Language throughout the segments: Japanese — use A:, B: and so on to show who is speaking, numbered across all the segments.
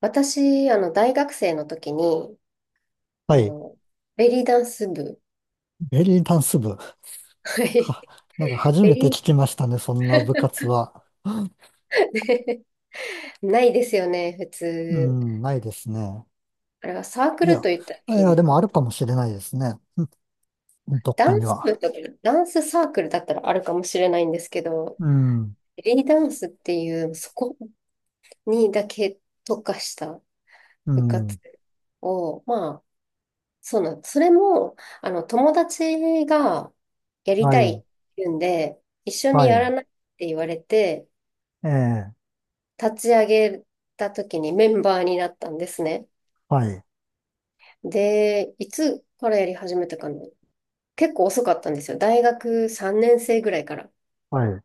A: 私、大学生の時に、
B: は
A: あ
B: い。
A: の、ベリーダンス部。
B: ベリーダンス部。
A: はい。
B: は、なんか 初
A: ベ
B: めて
A: リ
B: 聞きましたね、そんな部活は。
A: ー、ないですよね、普
B: う
A: 通。
B: ん、ないですね。
A: あれはサーク
B: い
A: ルと
B: や、
A: 言ったら
B: い
A: いい
B: や、
A: の
B: でも
A: か。
B: あるかもしれないですね。どっ
A: ダ
B: か
A: ン
B: に
A: ス部
B: は。
A: とか、ダンスサークルだったらあるかもしれないんですけど、
B: うん、
A: ベリーダンスっていう、そこにだけ特化した
B: う
A: 部活
B: ん。
A: を、まあ、そうなん、それも、友達がやり
B: は
A: たいっ
B: い、
A: て言うんで、一緒に
B: は
A: やら
B: い。
A: ないって言われて、
B: ええ、
A: 立ち上げた時にメンバーになったんですね。
B: はい、
A: で、いつからやり始めたかな。結構遅かったんですよ。大学3年生ぐらいから。
B: はい。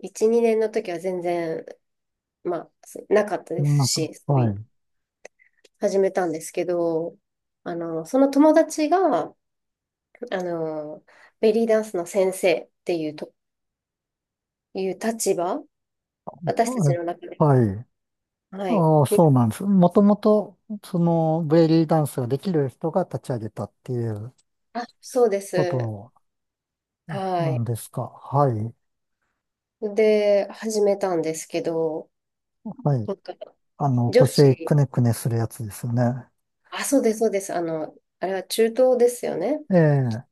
A: 1、2年の時は全然、まあ、なかったで
B: な
A: す
B: んか、
A: し、そうい
B: はい。
A: う、始めたんですけど、その友達が、あの、ベリーダンスの先生っていうと、いう立場、私たちの中では、
B: はい。
A: はい。
B: ああ、そうなんです。もともと、その、ベリーダンスができる人が立ち上げたっていう
A: あ、そうで
B: こ
A: す。
B: と
A: は
B: なん
A: い。
B: ですか？はい。
A: で、始めたんですけど、
B: はい。
A: なんか女
B: 腰く
A: 子、
B: ねくねするやつですよね。
A: あ、そうです、そうです。あれは中東ですよね。
B: ええ、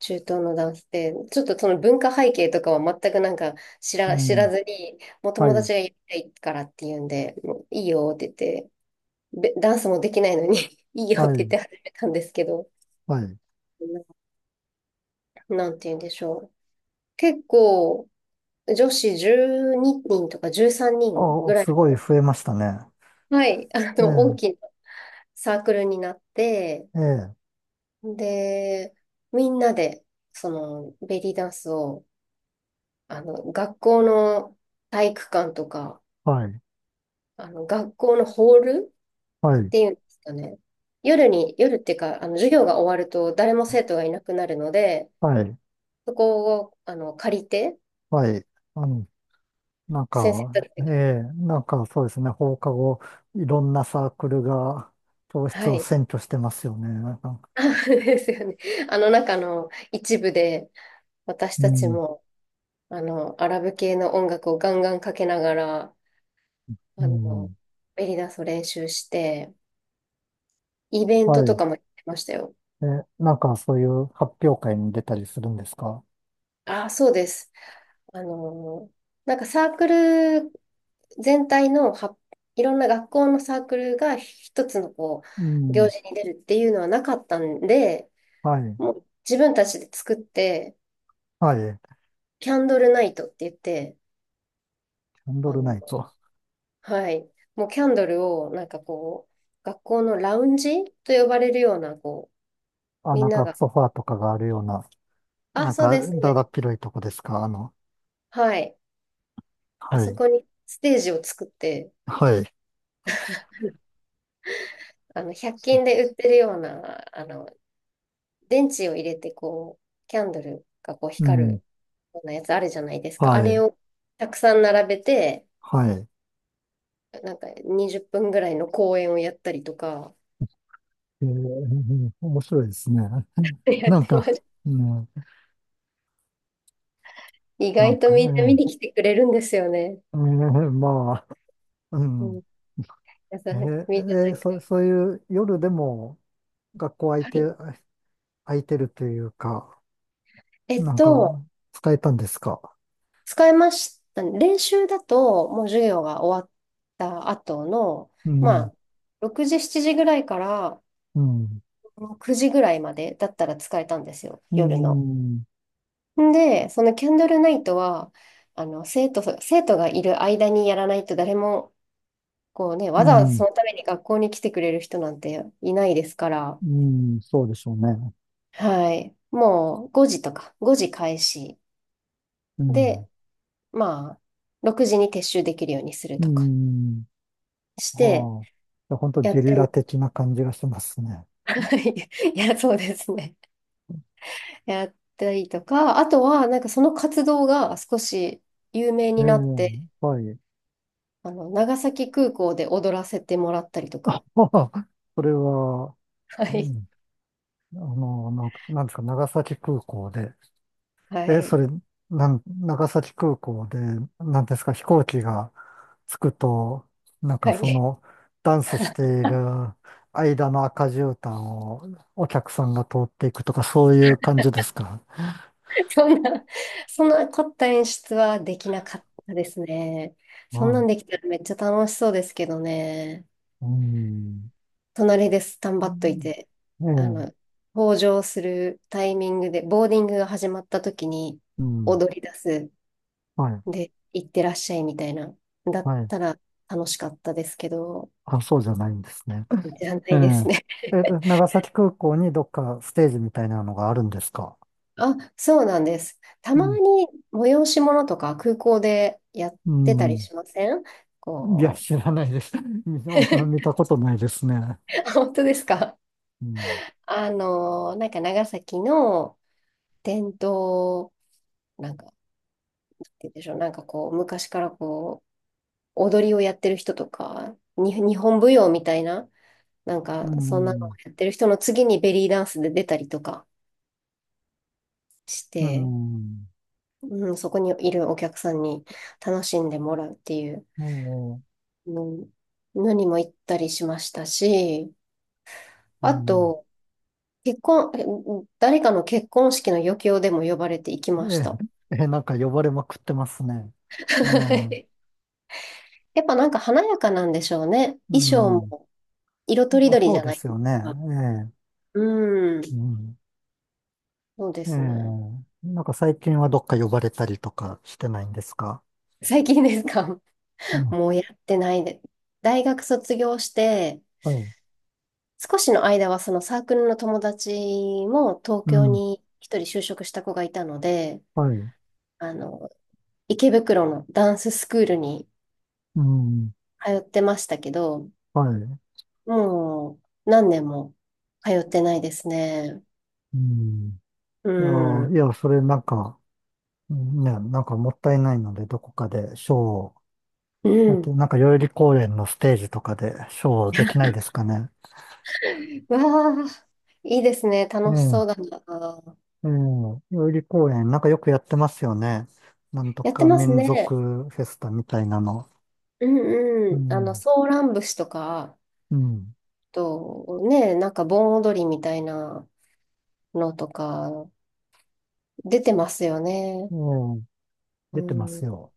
A: 中東の男性。ちょっとその文化背景とかは全くなんか
B: う
A: 知ら
B: ん。
A: ずに、もう
B: は
A: 友
B: い、
A: 達がやりたいからっていうんで、もういいよって言って、べダンスもできないのに いいよっ
B: は
A: て言っ
B: い、
A: て始めたんですけど、
B: はい。
A: なんて言うんでしょう。結構、女子12人とか13人ぐ
B: あ、
A: らい
B: すごい
A: の、
B: 増えましたね。
A: はい、
B: え
A: 大
B: え、
A: きなサークルになって、
B: ええ、
A: で、みんなで、その、ベリーダンスを、学校の体育館とか、
B: はい、
A: 学校のホール
B: は
A: っ
B: い、
A: ていうんですかね。夜に、夜っていうか、授業が終わると誰も生徒がいなくなるので、
B: はい、
A: そこを、借りて、
B: はい。あの、なん
A: 先生た
B: か、
A: ち
B: え
A: が、
B: え、なんかそうですね、放課後、いろんなサークルが教室
A: は
B: を
A: い。
B: 占拠してますよね。なんか、
A: あそうですよね。あの中の一部で、私
B: う
A: たち
B: ん、
A: も、アラブ系の音楽をガンガンかけながら、あ
B: う
A: の、
B: ん。
A: ベリーダンスを練習して、イベン
B: は
A: トと
B: い。
A: かもやってましたよ。
B: え、なんかそういう発表会に出たりするんですか？
A: ああ、そうです。あのーなんかサークル全体のは、いろんな学校のサークルが一つの
B: う
A: 行
B: ん、
A: 事に出るっていうのはなかったんで、
B: はい、
A: もう自分たちで作って、
B: はい。
A: キャンドルナイトって言って、
B: キャンド
A: あ
B: ル
A: の、
B: ナイト。
A: はい、もうキャンドルをなんかこう、学校のラウンジと呼ばれるような、こ
B: あ、
A: う、み
B: な
A: ん
B: ん
A: な
B: か
A: が、
B: ソファーとかがあるような、
A: あ、
B: なん
A: そう
B: か
A: です
B: だだ
A: ね。
B: っ広いとこですか？
A: はい。あ
B: は
A: そ
B: い、
A: こにステージを作って、
B: はい、
A: 100均で売ってるような、電池を入れて、こう、キャンドルがこう
B: う
A: 光る
B: ん、
A: ようなやつあるじゃないですか。あ
B: は
A: れ
B: い、
A: をたくさん並べて、
B: はい。
A: なんか20分ぐらいの公演をやったりとか、
B: えー、面白いですね。
A: やっ
B: なん
A: てまし
B: か、
A: た。
B: うん、
A: 意
B: なん
A: 外と
B: か、
A: みんな見に来てくれるんですよね。
B: まあ、う
A: う
B: ん、
A: ん。やさ
B: えー、
A: みんななんか、
B: そういう夜でも学校空い
A: は
B: て、
A: い。
B: 空いてるというか、
A: えっ
B: なんか
A: と、
B: 使えたんですか？
A: 使いました。練習だと、もう授業が終わった後の、
B: う
A: ま
B: ん、
A: あ、6時、7時ぐらいから、
B: うん、
A: 9時ぐらいまでだったら使えたんですよ、
B: う
A: 夜の。
B: ん、
A: んで、そのキャンドルナイトは、生徒がいる間にやらないと誰も、こうね、わ
B: う
A: ざわざそ
B: ん、
A: のために学校に来てくれる人なんていないですから、
B: うん、そうでしょうね。
A: はい。もう5時とか、5時開始
B: う
A: で、
B: ん、
A: まあ、6時に撤収できるようにする
B: うー
A: とか
B: ん。
A: して、
B: はあ。いや本当
A: やっ
B: ゲリ
A: ても、
B: ラ的な感じがしますね。
A: はい。いや、そうですね。やったりとか、あとは、なんかその活動が少し有名
B: え
A: に
B: え、
A: なって、
B: はい。
A: 長崎空港で踊らせてもらったりとか。
B: はあ、それは、
A: は
B: う
A: い。
B: ん、なんですか、長崎空港で、
A: は
B: え、そ
A: い。
B: れ、なん、長崎空港で、なんですか、飛行機が着くと、なん
A: は
B: か
A: い。
B: ダンスしている間の赤絨毯をお客さんが通っていくとか、そういう感じですか？
A: そんな、そんな凝った演出はできなかったですね。そんな
B: は
A: んできたらめっちゃ楽しそうですけどね。
B: い。うん。
A: 隣でスタン
B: う
A: バっとい
B: ん、
A: て、
B: え
A: あの、
B: え、
A: 登場するタイミングで、ボーディングが始まった時に
B: うん。
A: 踊り出す。
B: はい、
A: で、行ってらっしゃいみたいな。だっ
B: はい。
A: たら楽しかったですけど、
B: あ、そうじゃないんですね。
A: じゃな
B: え
A: いですね。
B: え。長崎空港にどっかステージみたいなのがあるんですか？
A: あ、そうなんです。た
B: う
A: ま
B: ん。
A: に催し物とか空港でやっ
B: う
A: てたり
B: ん。
A: しません
B: いや、
A: こ
B: 知らないです。あんま
A: う。
B: 見 たことないですね。
A: あ本当ですか？
B: うん。
A: なんか長崎の伝統、なんか、なんて言うんでしょう、なんかこう、昔からこう、踊りをやってる人とか、日本舞踊みたいな、なん
B: う
A: か、そんなのを
B: ん。
A: やってる人の次にベリーダンスで出たりとかし
B: う
A: て、
B: ん。
A: うん、そこにいるお客さんに楽しんでもらうっていう。
B: も
A: うん何も行ったりしましたし、
B: う、う
A: あ
B: ん。
A: と、結婚、え誰かの結婚式の余興でも呼ばれて行きま
B: え
A: し
B: え、
A: た。
B: ええ、なんか呼ばれまくってますね。ええ。
A: やっぱなんか華やかなんでしょうね。
B: う
A: 衣装
B: ん。
A: も色とり
B: まあ、
A: どり
B: そ
A: じ
B: う
A: ゃ
B: で
A: ない
B: す
A: で
B: よ
A: す
B: ね。
A: か。
B: ええ。
A: うん、
B: うん。
A: そうで
B: え
A: すね。
B: え。なんか最近はどっか呼ばれたりとかしてないんですか？
A: 最近ですか？
B: う ん。
A: もうやってないで。大学卒業して、
B: はい。
A: 少しの間はそのサークルの友達も東
B: う
A: 京
B: ん、
A: に一人就職した子がいたので、
B: はい、
A: あの、池袋のダンススクールに
B: うん、
A: 通ってましたけど、
B: はい、
A: もう何年も通ってないですね。
B: うん。
A: う
B: ああ、い
A: ん。
B: や、それなんか、うん、ね、なんかもったいないので、どこかでショーを
A: う
B: やって、
A: ん。
B: なんか代々木公園のステージとかでショーをできない ですかね。
A: わあ、いいですね。
B: え
A: 楽しそ
B: え、
A: うだな。
B: ええ、代々木公園、なんかよくやってますよね。なんと
A: やって
B: か
A: ます
B: 民
A: ね。
B: 族フェスタみたいなの。
A: うん
B: う
A: うん。
B: ん、
A: ソーラン節とか、
B: うん、
A: ね、なんか盆踊りみたいなのとか、出てますよね。
B: ええ、
A: う
B: 出てま
A: ん。
B: すよ。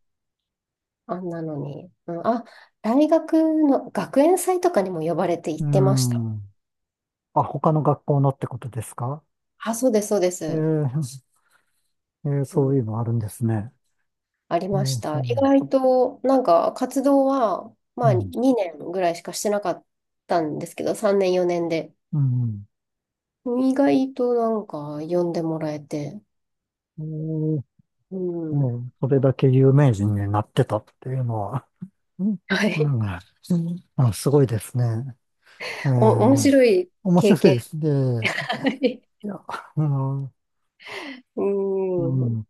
A: あんなのに。うん、あ、大学の学園祭とかにも呼ばれて行
B: う
A: ってました。
B: ん。あ、他の学校のってことですか？
A: あ、そうです、そうで
B: え
A: す。
B: え、ええ、
A: う
B: そう
A: ん
B: いうのあるんですね。
A: ありま
B: そ
A: し
B: うそ
A: た。意
B: う。
A: 外と、なんか活動は、ま
B: う
A: あ
B: ん。
A: 2年ぐらいしかしてなかったんですけど、3年4年で。
B: うん。
A: 意外となんか呼んでもらえて、
B: おー、
A: うん。
B: おー、それだけ有名人になってたっていうのは、うん、
A: は
B: な
A: い。
B: んか、うん、あ、すごいですね。え
A: お、面
B: ー、
A: 白い
B: 面
A: 経
B: 白いで
A: 験。
B: すね。
A: はい。
B: いや、うん、う
A: うん。
B: ん、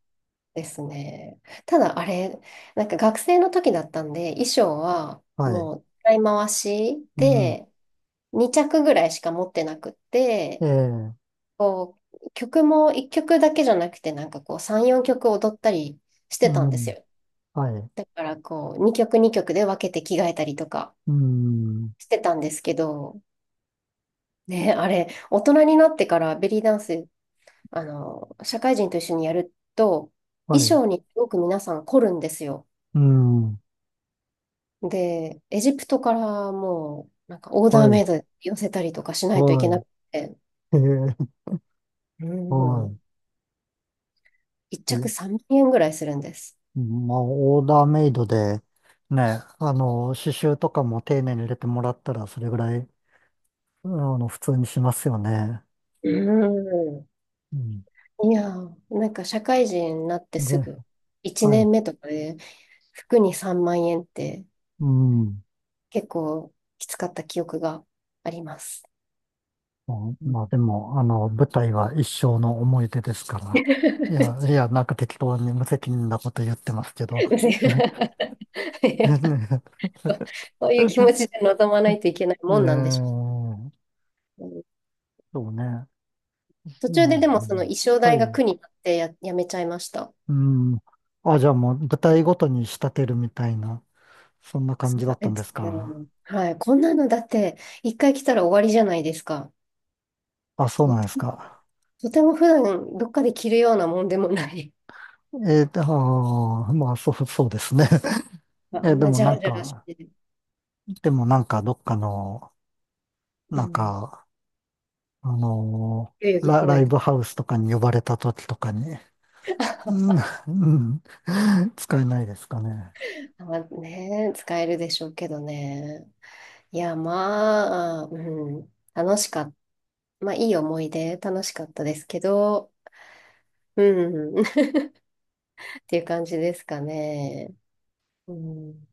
A: ですね。ただあれ、なんか学生の時だったんで、衣装は
B: はい、
A: もう使い回し
B: うん、
A: で、2着ぐらいしか持ってなくって、
B: ええ、
A: こう、曲も1曲だけじゃなくて、なんかこう、3、4曲踊ったりして
B: う
A: たんです
B: ん、
A: よ。
B: はい、
A: だからこう、2曲2曲で分けて着替えたりとか
B: うん、
A: してたんですけど、ね、あれ、大人になってからベリーダンス、社会人と一緒にやると、
B: は
A: 衣
B: い、
A: 装にすごく皆さん凝るんですよ。
B: うん、
A: で、エジプトからもう、なんかオーダー
B: は
A: メ
B: い、
A: イドで寄せたりとかしないといけな
B: は
A: くて、
B: い、え
A: う
B: ー、は
A: ん、1
B: い。
A: 着3万円ぐらいするんです。
B: まあ、オーダーメイドで、ね、刺繍とかも丁寧に入れてもらったら、それぐらい、普通にしますよね。
A: うん。
B: うん。
A: いやー、なんか社会人になってす
B: で、
A: ぐ、1
B: はい。
A: 年目とかで服に3万円って
B: うん。
A: 結構きつかった記憶があります。
B: ま
A: う
B: あ、
A: ん
B: まあでも、舞台は一生の思い出ですから。い や、いや、なんか適当に無責任なこと言ってますけど。
A: い や
B: ね
A: そういう気持ちで臨まないといけない
B: え
A: もんなんでし
B: ー、
A: ょうね。うん
B: そうね。
A: 途
B: う
A: 中でで
B: ん、
A: もその衣装
B: は
A: 代が
B: い。
A: 苦になってやめちゃいました。
B: うん。あ、じゃあもう、舞台ごとに仕立てるみたいな、そんな感
A: そ
B: じだ
A: う
B: ったん
A: で
B: で
A: す
B: す
A: ね。
B: か？
A: はい。こんなのだって一回来たら終わりじゃないですか。
B: あ、そう
A: と
B: なんで
A: て、
B: すか？
A: とても普段どっかで着るようなもんでもない。
B: あー、まあ、そうですね。
A: あん
B: で
A: な
B: も
A: ジャ
B: なん
A: ラジャラし
B: か、
A: て。
B: どっかの、
A: う
B: なん
A: ん。
B: か、あの
A: 代々木公
B: ラ
A: 園
B: イ
A: と
B: ブ
A: か
B: ハウスとかに呼ばれた時とかに、うん、うん、使えないですかね。
A: まあね、使えるでしょうけどね。いや、まあ、うん。楽しかった。まあ、いい思い出、楽しかったですけど、うん。っていう感じですかね。うん。